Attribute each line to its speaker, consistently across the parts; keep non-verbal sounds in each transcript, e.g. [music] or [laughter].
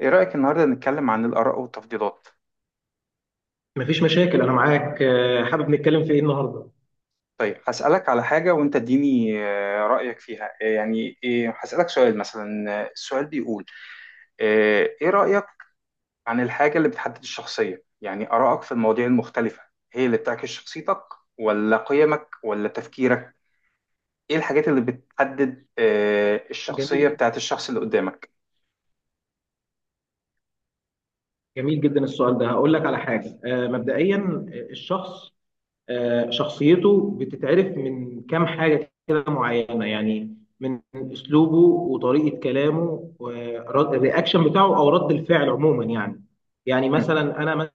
Speaker 1: ايه رأيك النهارده نتكلم عن الآراء والتفضيلات؟
Speaker 2: مفيش مشاكل انا معاك حابب نتكلم في ايه النهارده؟
Speaker 1: طيب، هسألك على حاجة وانت اديني رأيك فيها. يعني إيه، هسألك سؤال مثلا. السؤال بيقول ايه رأيك عن الحاجة اللي بتحدد الشخصية؟ يعني آرائك في المواضيع المختلفة هي اللي بتعكس شخصيتك، ولا قيمك، ولا تفكيرك؟ ايه الحاجات اللي بتحدد الشخصية
Speaker 2: جميل
Speaker 1: بتاعت الشخص اللي قدامك؟
Speaker 2: جميل جدا السؤال ده. هقول لك على حاجه، مبدئيا الشخص، شخصيته بتتعرف من كام حاجه كده معينه، يعني من اسلوبه وطريقه كلامه والرياكشن بتاعه او رد الفعل عموما يعني. يعني
Speaker 1: مم.
Speaker 2: مثلا انا،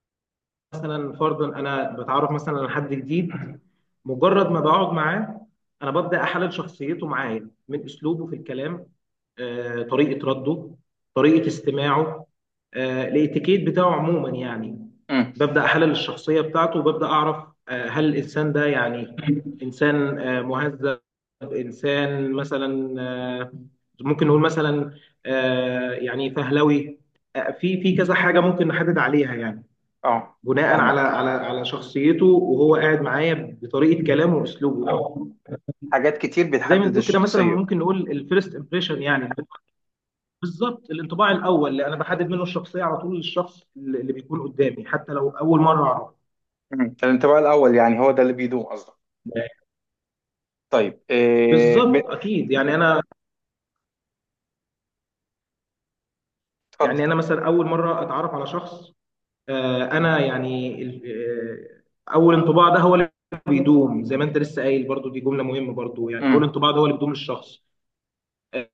Speaker 2: مثلا فرضا انا بتعرف مثلا على حد جديد، مجرد ما بقعد معاه انا ببدا احلل شخصيته معايا من اسلوبه في الكلام، طريقه رده، طريقه استماعه، الاتيكيت بتاعه عموما يعني.
Speaker 1: مم.
Speaker 2: ببدا احلل الشخصيه بتاعته وببدا اعرف هل الانسان ده يعني انسان مهذب، انسان مثلا، ممكن نقول مثلا يعني فهلوي، في كذا حاجه ممكن نحدد عليها يعني،
Speaker 1: اه.
Speaker 2: بناء على
Speaker 1: فاهمك.
Speaker 2: شخصيته وهو قاعد معايا، بطريقه كلامه واسلوبه او
Speaker 1: حاجات كتير
Speaker 2: زي ما
Speaker 1: بتحدد
Speaker 2: نقول كده. مثلا
Speaker 1: الشخصية.
Speaker 2: ممكن نقول الفيرست امبريشن، يعني بالظبط الانطباع الاول اللي انا بحدد منه الشخصيه على طول للشخص اللي بيكون قدامي حتى لو اول مره اعرفه.
Speaker 1: مم. الانطباع الأول، يعني هو ده اللي بيدوم قصدك؟ طيب، إيه
Speaker 2: بالظبط اكيد، يعني انا،
Speaker 1: اتفضل.
Speaker 2: يعني انا مثلا اول مره اتعرف على شخص، انا يعني اول انطباع ده هو اللي بيدوم. زي ما انت لسه قايل برضو، دي جمله مهمه برضو، يعني اول
Speaker 1: امم،
Speaker 2: انطباع ده هو اللي بيدوم للشخص، آه،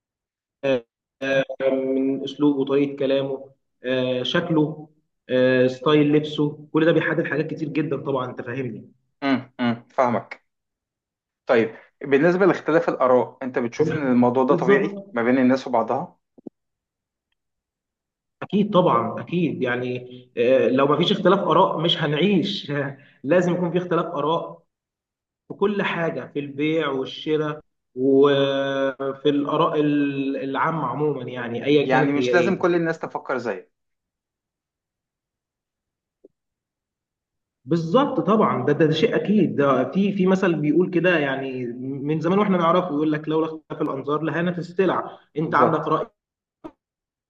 Speaker 2: من اسلوبه، طريقه كلامه، شكله، ستايل لبسه، كل ده بيحدد حاجات كتير جدا طبعا، انت فاهمني.
Speaker 1: امم، امم، فاهمك. طيب، بالنسبة لاختلاف الآراء، أنت بتشوف إن الموضوع ده طبيعي
Speaker 2: بالظبط،
Speaker 1: ما بين الناس وبعضها؟
Speaker 2: اكيد طبعا اكيد يعني، لو ما فيش اختلاف اراء مش هنعيش [laughs] لازم يكون في اختلاف اراء في كل حاجه، في البيع والشراء، وفي الاراء العامه عموما يعني، ايا
Speaker 1: يعني
Speaker 2: كانت هي
Speaker 1: مش لازم
Speaker 2: ايه.
Speaker 1: كل الناس تفكر زيك.
Speaker 2: بالظبط طبعا، ده شيء اكيد. ده في مثل بيقول كده يعني، من زمان واحنا نعرفه، يقول لك لولا اختلاف الانظار لهانت السلع. انت عندك
Speaker 1: بالظبط.
Speaker 2: راي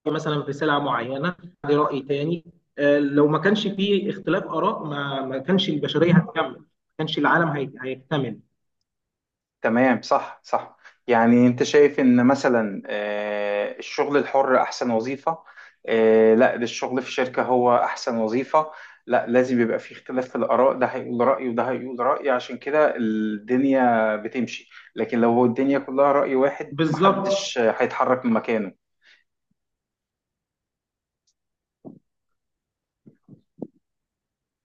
Speaker 2: مثلا في سلعه معينه، عندي راي تاني. لو ما كانش في اختلاف اراء ما كانش البشريه هتكمل، ما كانش العالم هيكتمل.
Speaker 1: تمام. صح، صح. يعني انت شايف ان مثلا الشغل الحر احسن وظيفة. لا، ده الشغل في شركة هو احسن وظيفة. لا، لازم يبقى في اختلاف في الاراء، ده هيقول رأي وده هيقول رأي، عشان كده الدنيا بتمشي. لكن لو الدنيا كلها رأي واحد،
Speaker 2: بالظبط
Speaker 1: محدش هيتحرك من مكانه.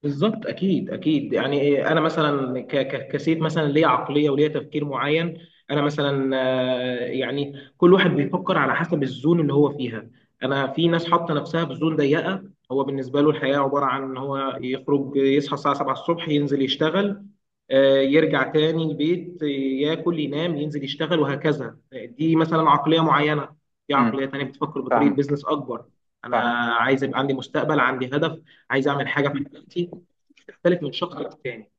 Speaker 2: بالظبط، اكيد اكيد يعني إيه، انا مثلا كسيف مثلا ليا عقليه وليا تفكير معين. انا مثلا، يعني كل واحد بيفكر على حسب الزون اللي هو فيها. انا في ناس حاطه نفسها في زون ضيقه، هو بالنسبه له الحياه عباره عن ان هو يخرج، يصحى الساعه 7 الصبح ينزل يشتغل، يرجع تاني البيت، ياكل ينام ينزل يشتغل وهكذا، دي مثلا عقليه معينه. في
Speaker 1: امم،
Speaker 2: عقليه تانيه بتفكر بطريقه
Speaker 1: فاهمك،
Speaker 2: بيزنس اكبر. انا
Speaker 1: فاهمك.
Speaker 2: عايز يبقى عندي مستقبل، عندي هدف، عايز اعمل حاجه في حياتي، بتختلف من شخص للتاني.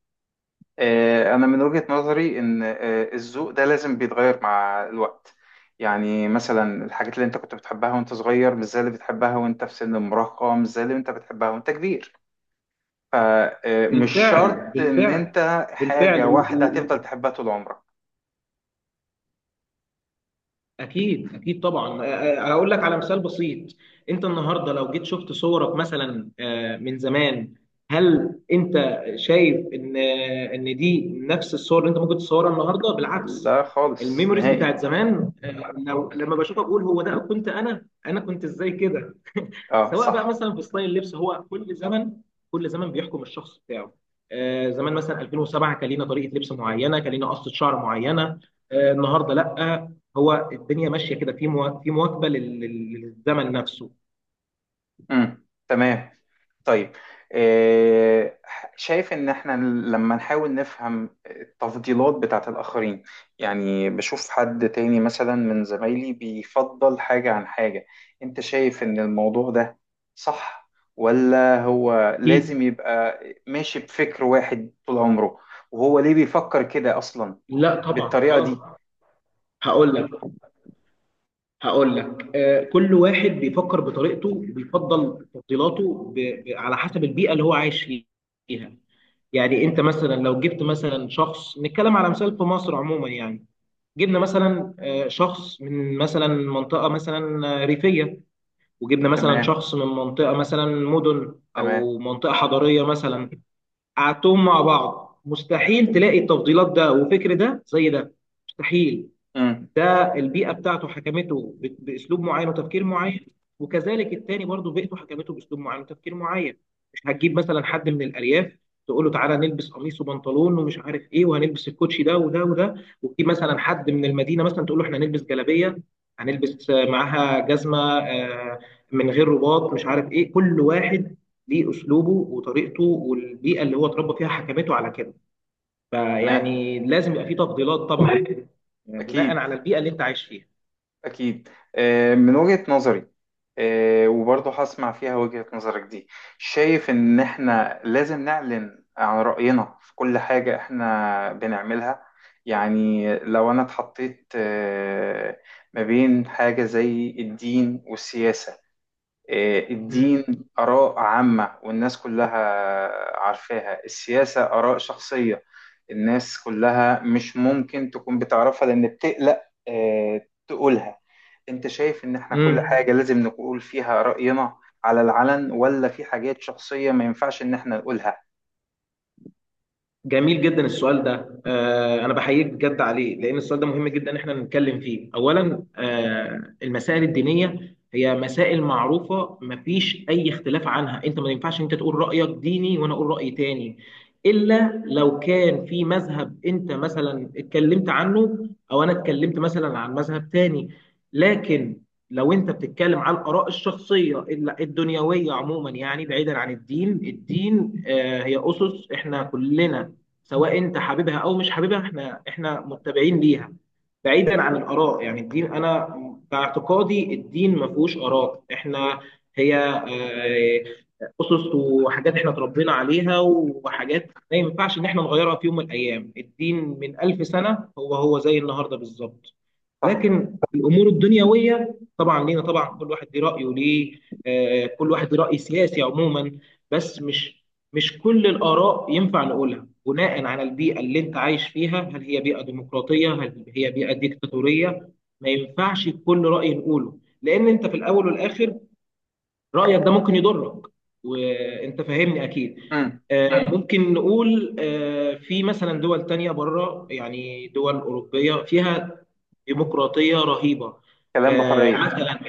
Speaker 1: أنا من وجهة نظري إن الذوق ده لازم بيتغير مع الوقت. يعني مثلا الحاجات اللي أنت كنت بتحبها وأنت صغير مش زي اللي بتحبها وأنت في سن المراهقة، مش زي اللي أنت بتحبها وأنت كبير. فمش
Speaker 2: بالفعل
Speaker 1: شرط إن
Speaker 2: بالفعل
Speaker 1: أنت
Speaker 2: بالفعل.
Speaker 1: حاجة واحدة
Speaker 2: و-
Speaker 1: هتفضل تحبها طول عمرك.
Speaker 2: اكيد اكيد طبعا هقول لك على مثال بسيط. انت النهارده لو جيت شفت صورك مثلا، من زمان، هل انت شايف ان ان دي نفس الصور اللي انت ممكن تصورها النهارده؟ بالعكس.
Speaker 1: لا، خالص،
Speaker 2: الميموريز
Speaker 1: نهائي.
Speaker 2: بتاعت زمان، لو لما بشوفها بقول هو ده كنت انا كنت ازاي كده،
Speaker 1: أه،
Speaker 2: سواء بقى
Speaker 1: صح.
Speaker 2: مثلا في ستايل اللبس. هو كل زمن، كل زمن بيحكم الشخص بتاعه. آه زمان مثلا 2007 كان لينا طريقه لبس معينه، كان لينا قصه شعر معينه. آه النهارده لا، هو الدنيا ماشيه كده في في مواكبه للزمن نفسه.
Speaker 1: مم. تمام. طيب، آه، شايف ان احنا لما نحاول نفهم التفضيلات بتاعت الاخرين، يعني بشوف حد تاني مثلا من زمايلي بيفضل حاجة عن حاجة، انت شايف ان الموضوع ده صح، ولا هو لازم
Speaker 2: اكيد.
Speaker 1: يبقى ماشي بفكر واحد طول عمره؟ وهو ليه بيفكر كده اصلا
Speaker 2: لا طبعا
Speaker 1: بالطريقة دي؟
Speaker 2: اه، هقول لك، هقول لك، آه كل واحد بيفكر بطريقته، بيفضل تفضيلاته على حسب البيئه اللي هو عايش فيها. يعني انت مثلا لو جبت مثلا شخص، نتكلم على مثال في مصر عموما يعني، جبنا مثلا شخص من مثلا منطقة مثلا ريفية، وجبنا مثلا
Speaker 1: تمام،
Speaker 2: شخص من منطقة مثلا مدن
Speaker 1: تمام،
Speaker 2: أو منطقة حضرية مثلا، قعدتهم مع بعض مستحيل تلاقي التفضيلات ده وفكر ده زي ده، مستحيل.
Speaker 1: امم،
Speaker 2: ده البيئه بتاعته حكمته باسلوب معين وتفكير معين، وكذلك التاني برضه بيئته حكمته باسلوب معين وتفكير معين. مش هتجيب مثلا حد من الارياف تقول له تعالى نلبس قميص وبنطلون ومش عارف ايه، وهنلبس الكوتشي ده وده وده، وتجيب مثلا حد من المدينه مثلا تقول له احنا هنلبس جلابيه، هنلبس معاها جزمه من غير رباط، مش عارف ايه. كل واحد ليه اسلوبه وطريقته، والبيئه اللي هو اتربى فيها حكمته على كده.
Speaker 1: تمام.
Speaker 2: فيعني لازم يبقى في تفضيلات طبعا، بناء
Speaker 1: اكيد.
Speaker 2: على البيئه اللي انت عايش فيها.
Speaker 1: أكيد. من وجهة نظري، وبرضه هسمع فيها وجهة نظرك دي، شايف إن إحنا لازم نعلن عن رأينا في كل حاجة إحنا بنعملها؟ يعني لو أنا اتحطيت ما بين حاجة زي الدين والسياسة. الدين
Speaker 2: امم،
Speaker 1: آراء عامة والناس كلها عارفاها. السياسة آراء شخصية، الناس كلها مش ممكن تكون بتعرفها، لأن بتقلق تقولها. أنت شايف إن إحنا كل حاجة
Speaker 2: امم.
Speaker 1: لازم نقول فيها رأينا على العلن، ولا في حاجات شخصية ما ينفعش إن إحنا نقولها؟
Speaker 2: جميل جدا السؤال ده، انا بحييك بجد عليه، لان السؤال ده مهم جدا ان احنا نتكلم فيه. اولا، المسائل الدينيه هي مسائل معروفه، مفيش اي اختلاف عنها. انت ما ينفعش انت تقول رايك ديني وانا اقول راي تاني، الا لو كان في مذهب انت مثلا اتكلمت عنه، او انا اتكلمت مثلا عن مذهب تاني. لكن لو انت بتتكلم على الاراء الشخصيه الدنيويه عموما يعني، بعيدا عن الدين. الدين، هي اسس احنا كلنا، سواء انت حاببها او مش حاببها احنا متبعين ليها، بعيدا عن الاراء. يعني الدين، انا باعتقادي الدين ما فيهوش اراء. احنا هي، اسس وحاجات احنا اتربينا عليها، وحاجات ما ينفعش ان احنا نغيرها في يوم من الايام. الدين من 1000 سنه هو هو زي النهارده بالظبط.
Speaker 1: صح؟
Speaker 2: لكن الامور الدنيويه طبعا لينا طبعا، كل واحد ليه رايه، ليه كل واحد ليه راي سياسي عموما. بس مش كل الاراء ينفع نقولها، بناء على البيئه اللي انت عايش فيها، هل هي بيئه ديمقراطيه، هل هي بيئه ديكتاتوريه. ما ينفعش كل راي نقوله، لان انت في الاول والاخر رأيك ده ممكن يضرك، وانت فاهمني اكيد.
Speaker 1: مم.
Speaker 2: ممكن نقول في مثلا دول تانية بره، يعني دول أوروبية فيها ديمقراطية رهيبة،
Speaker 1: كلام بحرية.
Speaker 2: مثلا،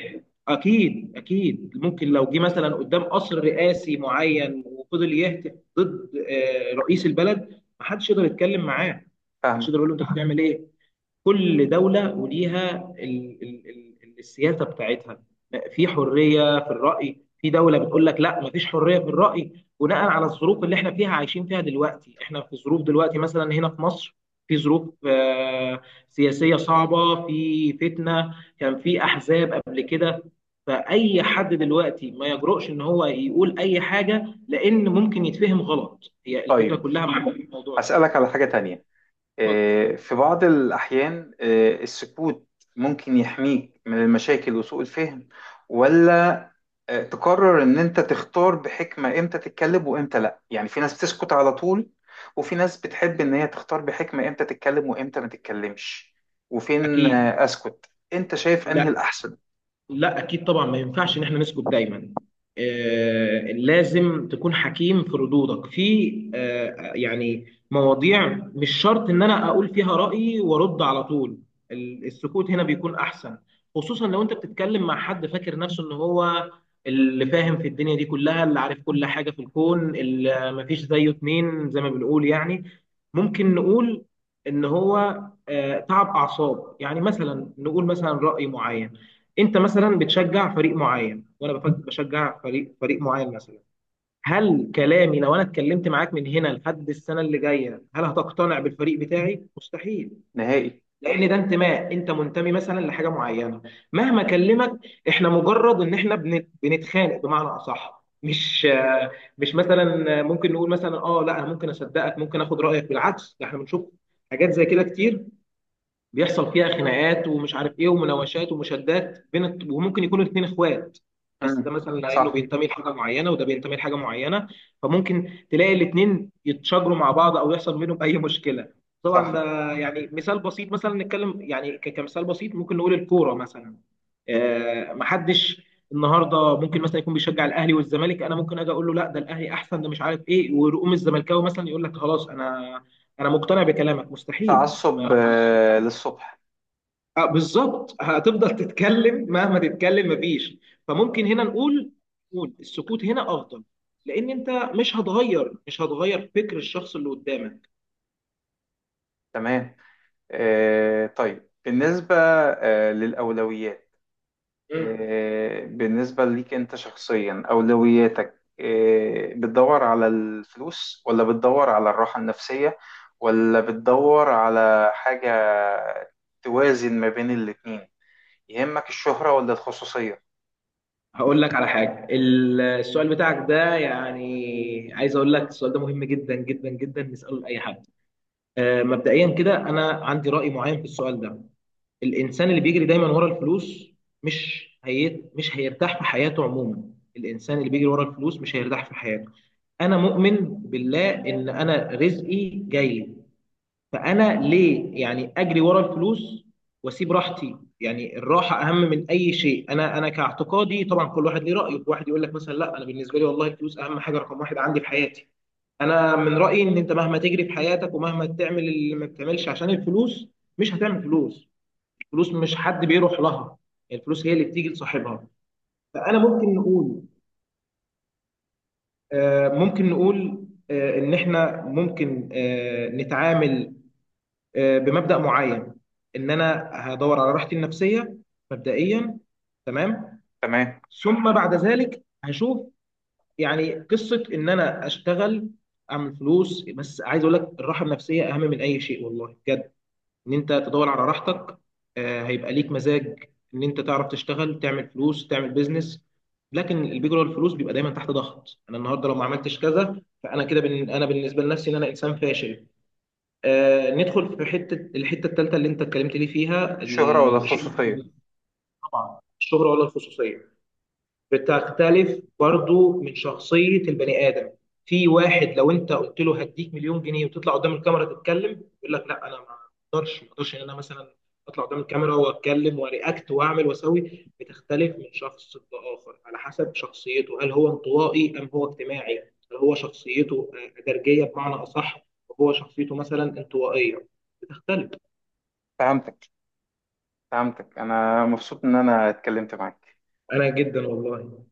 Speaker 2: أكيد أكيد ممكن لو جه مثلا قدام قصر رئاسي معين وفضل يهتف ضد رئيس البلد محدش يقدر يتكلم معاه، محدش
Speaker 1: فاهمة.
Speaker 2: يقدر يقول له أنت بتعمل إيه؟ كل دولة وليها ال ال ال السياسة بتاعتها. في حرية في الرأي، في دولة بتقول لك لا مفيش حرية في الرأي، بناء على الظروف اللي احنا فيها عايشين فيها دلوقتي. احنا في ظروف دلوقتي مثلا هنا في مصر، في ظروف سياسية صعبة، في فتنة، كان في أحزاب قبل كده، فأي حد دلوقتي ما يجرؤش إن هو يقول أي حاجة، لأن ممكن يتفهم غلط. هي الفكرة
Speaker 1: طيب،
Speaker 2: كلها مع الموضوع ده.
Speaker 1: هسألك على حاجة تانية.
Speaker 2: اتفضل.
Speaker 1: في بعض الأحيان السكوت ممكن يحميك من المشاكل وسوء الفهم، ولا تقرر إن أنت تختار بحكمة إمتى تتكلم وإمتى لأ؟ يعني في ناس بتسكت على طول، وفي ناس بتحب إن هي تختار بحكمة إمتى تتكلم وإمتى ما تتكلمش وفين
Speaker 2: أكيد.
Speaker 1: أسكت. أنت شايف أنهي
Speaker 2: لا
Speaker 1: الأحسن؟
Speaker 2: لا اكيد طبعا، ما ينفعش ان احنا نسكت دايما. آه لازم تكون حكيم في ردودك، في آه يعني مواضيع مش شرط ان انا اقول فيها رايي وارد على طول، السكوت هنا بيكون احسن. خصوصا لو انت بتتكلم مع حد فاكر نفسه ان هو اللي فاهم في الدنيا دي كلها، اللي عارف كل حاجه في الكون، اللي مفيش زيه اتنين زي ما بنقول يعني. ممكن نقول ان هو آه تعب اعصاب، يعني مثلا نقول مثلا راي معين، انت مثلا بتشجع فريق معين وانا بشجع فريق معين مثلا، هل كلامي لو انا اتكلمت معاك من هنا لحد السنه اللي جايه هل هتقتنع بالفريق بتاعي؟ مستحيل.
Speaker 1: نهائي.
Speaker 2: لان ده انتماء، انت منتمي مثلا لحاجه معينه، مهما اكلمك. احنا مجرد ان احنا بنتخانق بمعنى اصح، مش آه، مش مثلا ممكن نقول مثلا اه لا انا ممكن اصدقك، ممكن اخد رايك. بالعكس، ده احنا بنشوف حاجات زي كده كتير بيحصل فيها خناقات ومش عارف ايه، ومناوشات ومشادات وممكن يكونوا الاثنين اخوات، بس ده
Speaker 1: مم.
Speaker 2: مثلا لانه
Speaker 1: صح،
Speaker 2: بينتمي لحاجه معينه، وده بينتمي لحاجه معينه. فممكن تلاقي الاثنين يتشاجروا مع بعض او يحصل بينهم اي مشكله. طبعا
Speaker 1: صح.
Speaker 2: ده يعني مثال بسيط، مثلا نتكلم يعني كمثال بسيط ممكن نقول الكوره مثلا. محدش النهارده ممكن مثلا يكون بيشجع الاهلي والزمالك، انا ممكن اجي اقول له لا ده الاهلي احسن، ده مش عارف ايه، ويقوم الزملكاوي مثلا يقول لك خلاص انا مقتنع بكلامك؟ مستحيل، ما
Speaker 1: تعصب
Speaker 2: يحصلش.
Speaker 1: للصبح.
Speaker 2: بالظبط، هتفضل تتكلم مهما تتكلم مفيش. فممكن هنا نقول، نقول السكوت هنا افضل، لان انت مش هتغير فكر الشخص اللي قدامك.
Speaker 1: تمام. طيب، بالنسبة للأولويات،
Speaker 2: مم.
Speaker 1: بالنسبة ليك أنت شخصيا، أولوياتك بتدور على الفلوس، ولا بتدور على الراحة النفسية، ولا بتدور على حاجة توازن ما بين الاتنين؟ يهمك الشهرة ولا الخصوصية؟
Speaker 2: هقول لك على حاجه، السؤال بتاعك ده يعني، عايز اقول لك السؤال ده مهم جدا جدا جدا نساله لاي حد. مبدئيا كده انا عندي راي معين في السؤال ده. الانسان اللي بيجري دايما ورا الفلوس مش هيرتاح في حياته عموما. الانسان اللي بيجري ورا الفلوس مش هيرتاح في حياته. انا مؤمن بالله ان انا رزقي جاي، فانا ليه يعني اجري ورا الفلوس واسيب راحتي؟ يعني الراحه اهم من اي شيء. انا كاعتقادي طبعا كل واحد ليه رايه، واحد يقول لك مثلا لا انا بالنسبه لي والله الفلوس اهم حاجه، رقم واحد عندي في حياتي. انا من رايي ان انت مهما تجري في حياتك ومهما تعمل اللي ما بتعملش عشان الفلوس مش هتعمل فلوس. الفلوس مش حد بيروح لها، يعني الفلوس هي اللي بتيجي لصاحبها. فانا ممكن نقول ممكن نقول ان احنا ممكن نتعامل بمبدأ معين، ان انا هدور على راحتي النفسية مبدئيا، تمام.
Speaker 1: تمام.
Speaker 2: ثم بعد ذلك هشوف يعني قصة ان انا اشتغل اعمل فلوس، بس عايز اقول لك الراحة النفسية اهم من اي شيء والله بجد. ان انت تدور على راحتك، هيبقى ليك مزاج ان انت تعرف تشتغل، تعمل فلوس، تعمل بيزنس. لكن البيج رول الفلوس بيبقى دايما تحت ضغط، انا النهارده لو ما عملتش كذا فانا كده انا بالنسبه لنفسي ان انا انسان فاشل. آه ندخل في الحته الثالثه اللي انت اتكلمت لي فيها،
Speaker 1: الشهرة ولا الخصوصية؟
Speaker 2: الشغل. طبعا الشهره ولا الخصوصيه بتختلف برضو من شخصية البني آدم. في واحد لو انت قلت له هديك 1,000,000 جنيه وتطلع قدام الكاميرا تتكلم يقول لك لا انا، ما اقدرش ان انا مثلا اطلع قدام الكاميرا واتكلم وارياكت واعمل واسوي. بتختلف من شخص لاخر على حسب شخصيته، هل هو انطوائي ام هو اجتماعي، هل هو شخصيته درجية بمعنى اصح، وهو شخصيته مثلا انطوائية بتختلف.
Speaker 1: فهمتك. فهمتك، أنا مبسوط إن أنا اتكلمت معاك.
Speaker 2: انا جدا والله.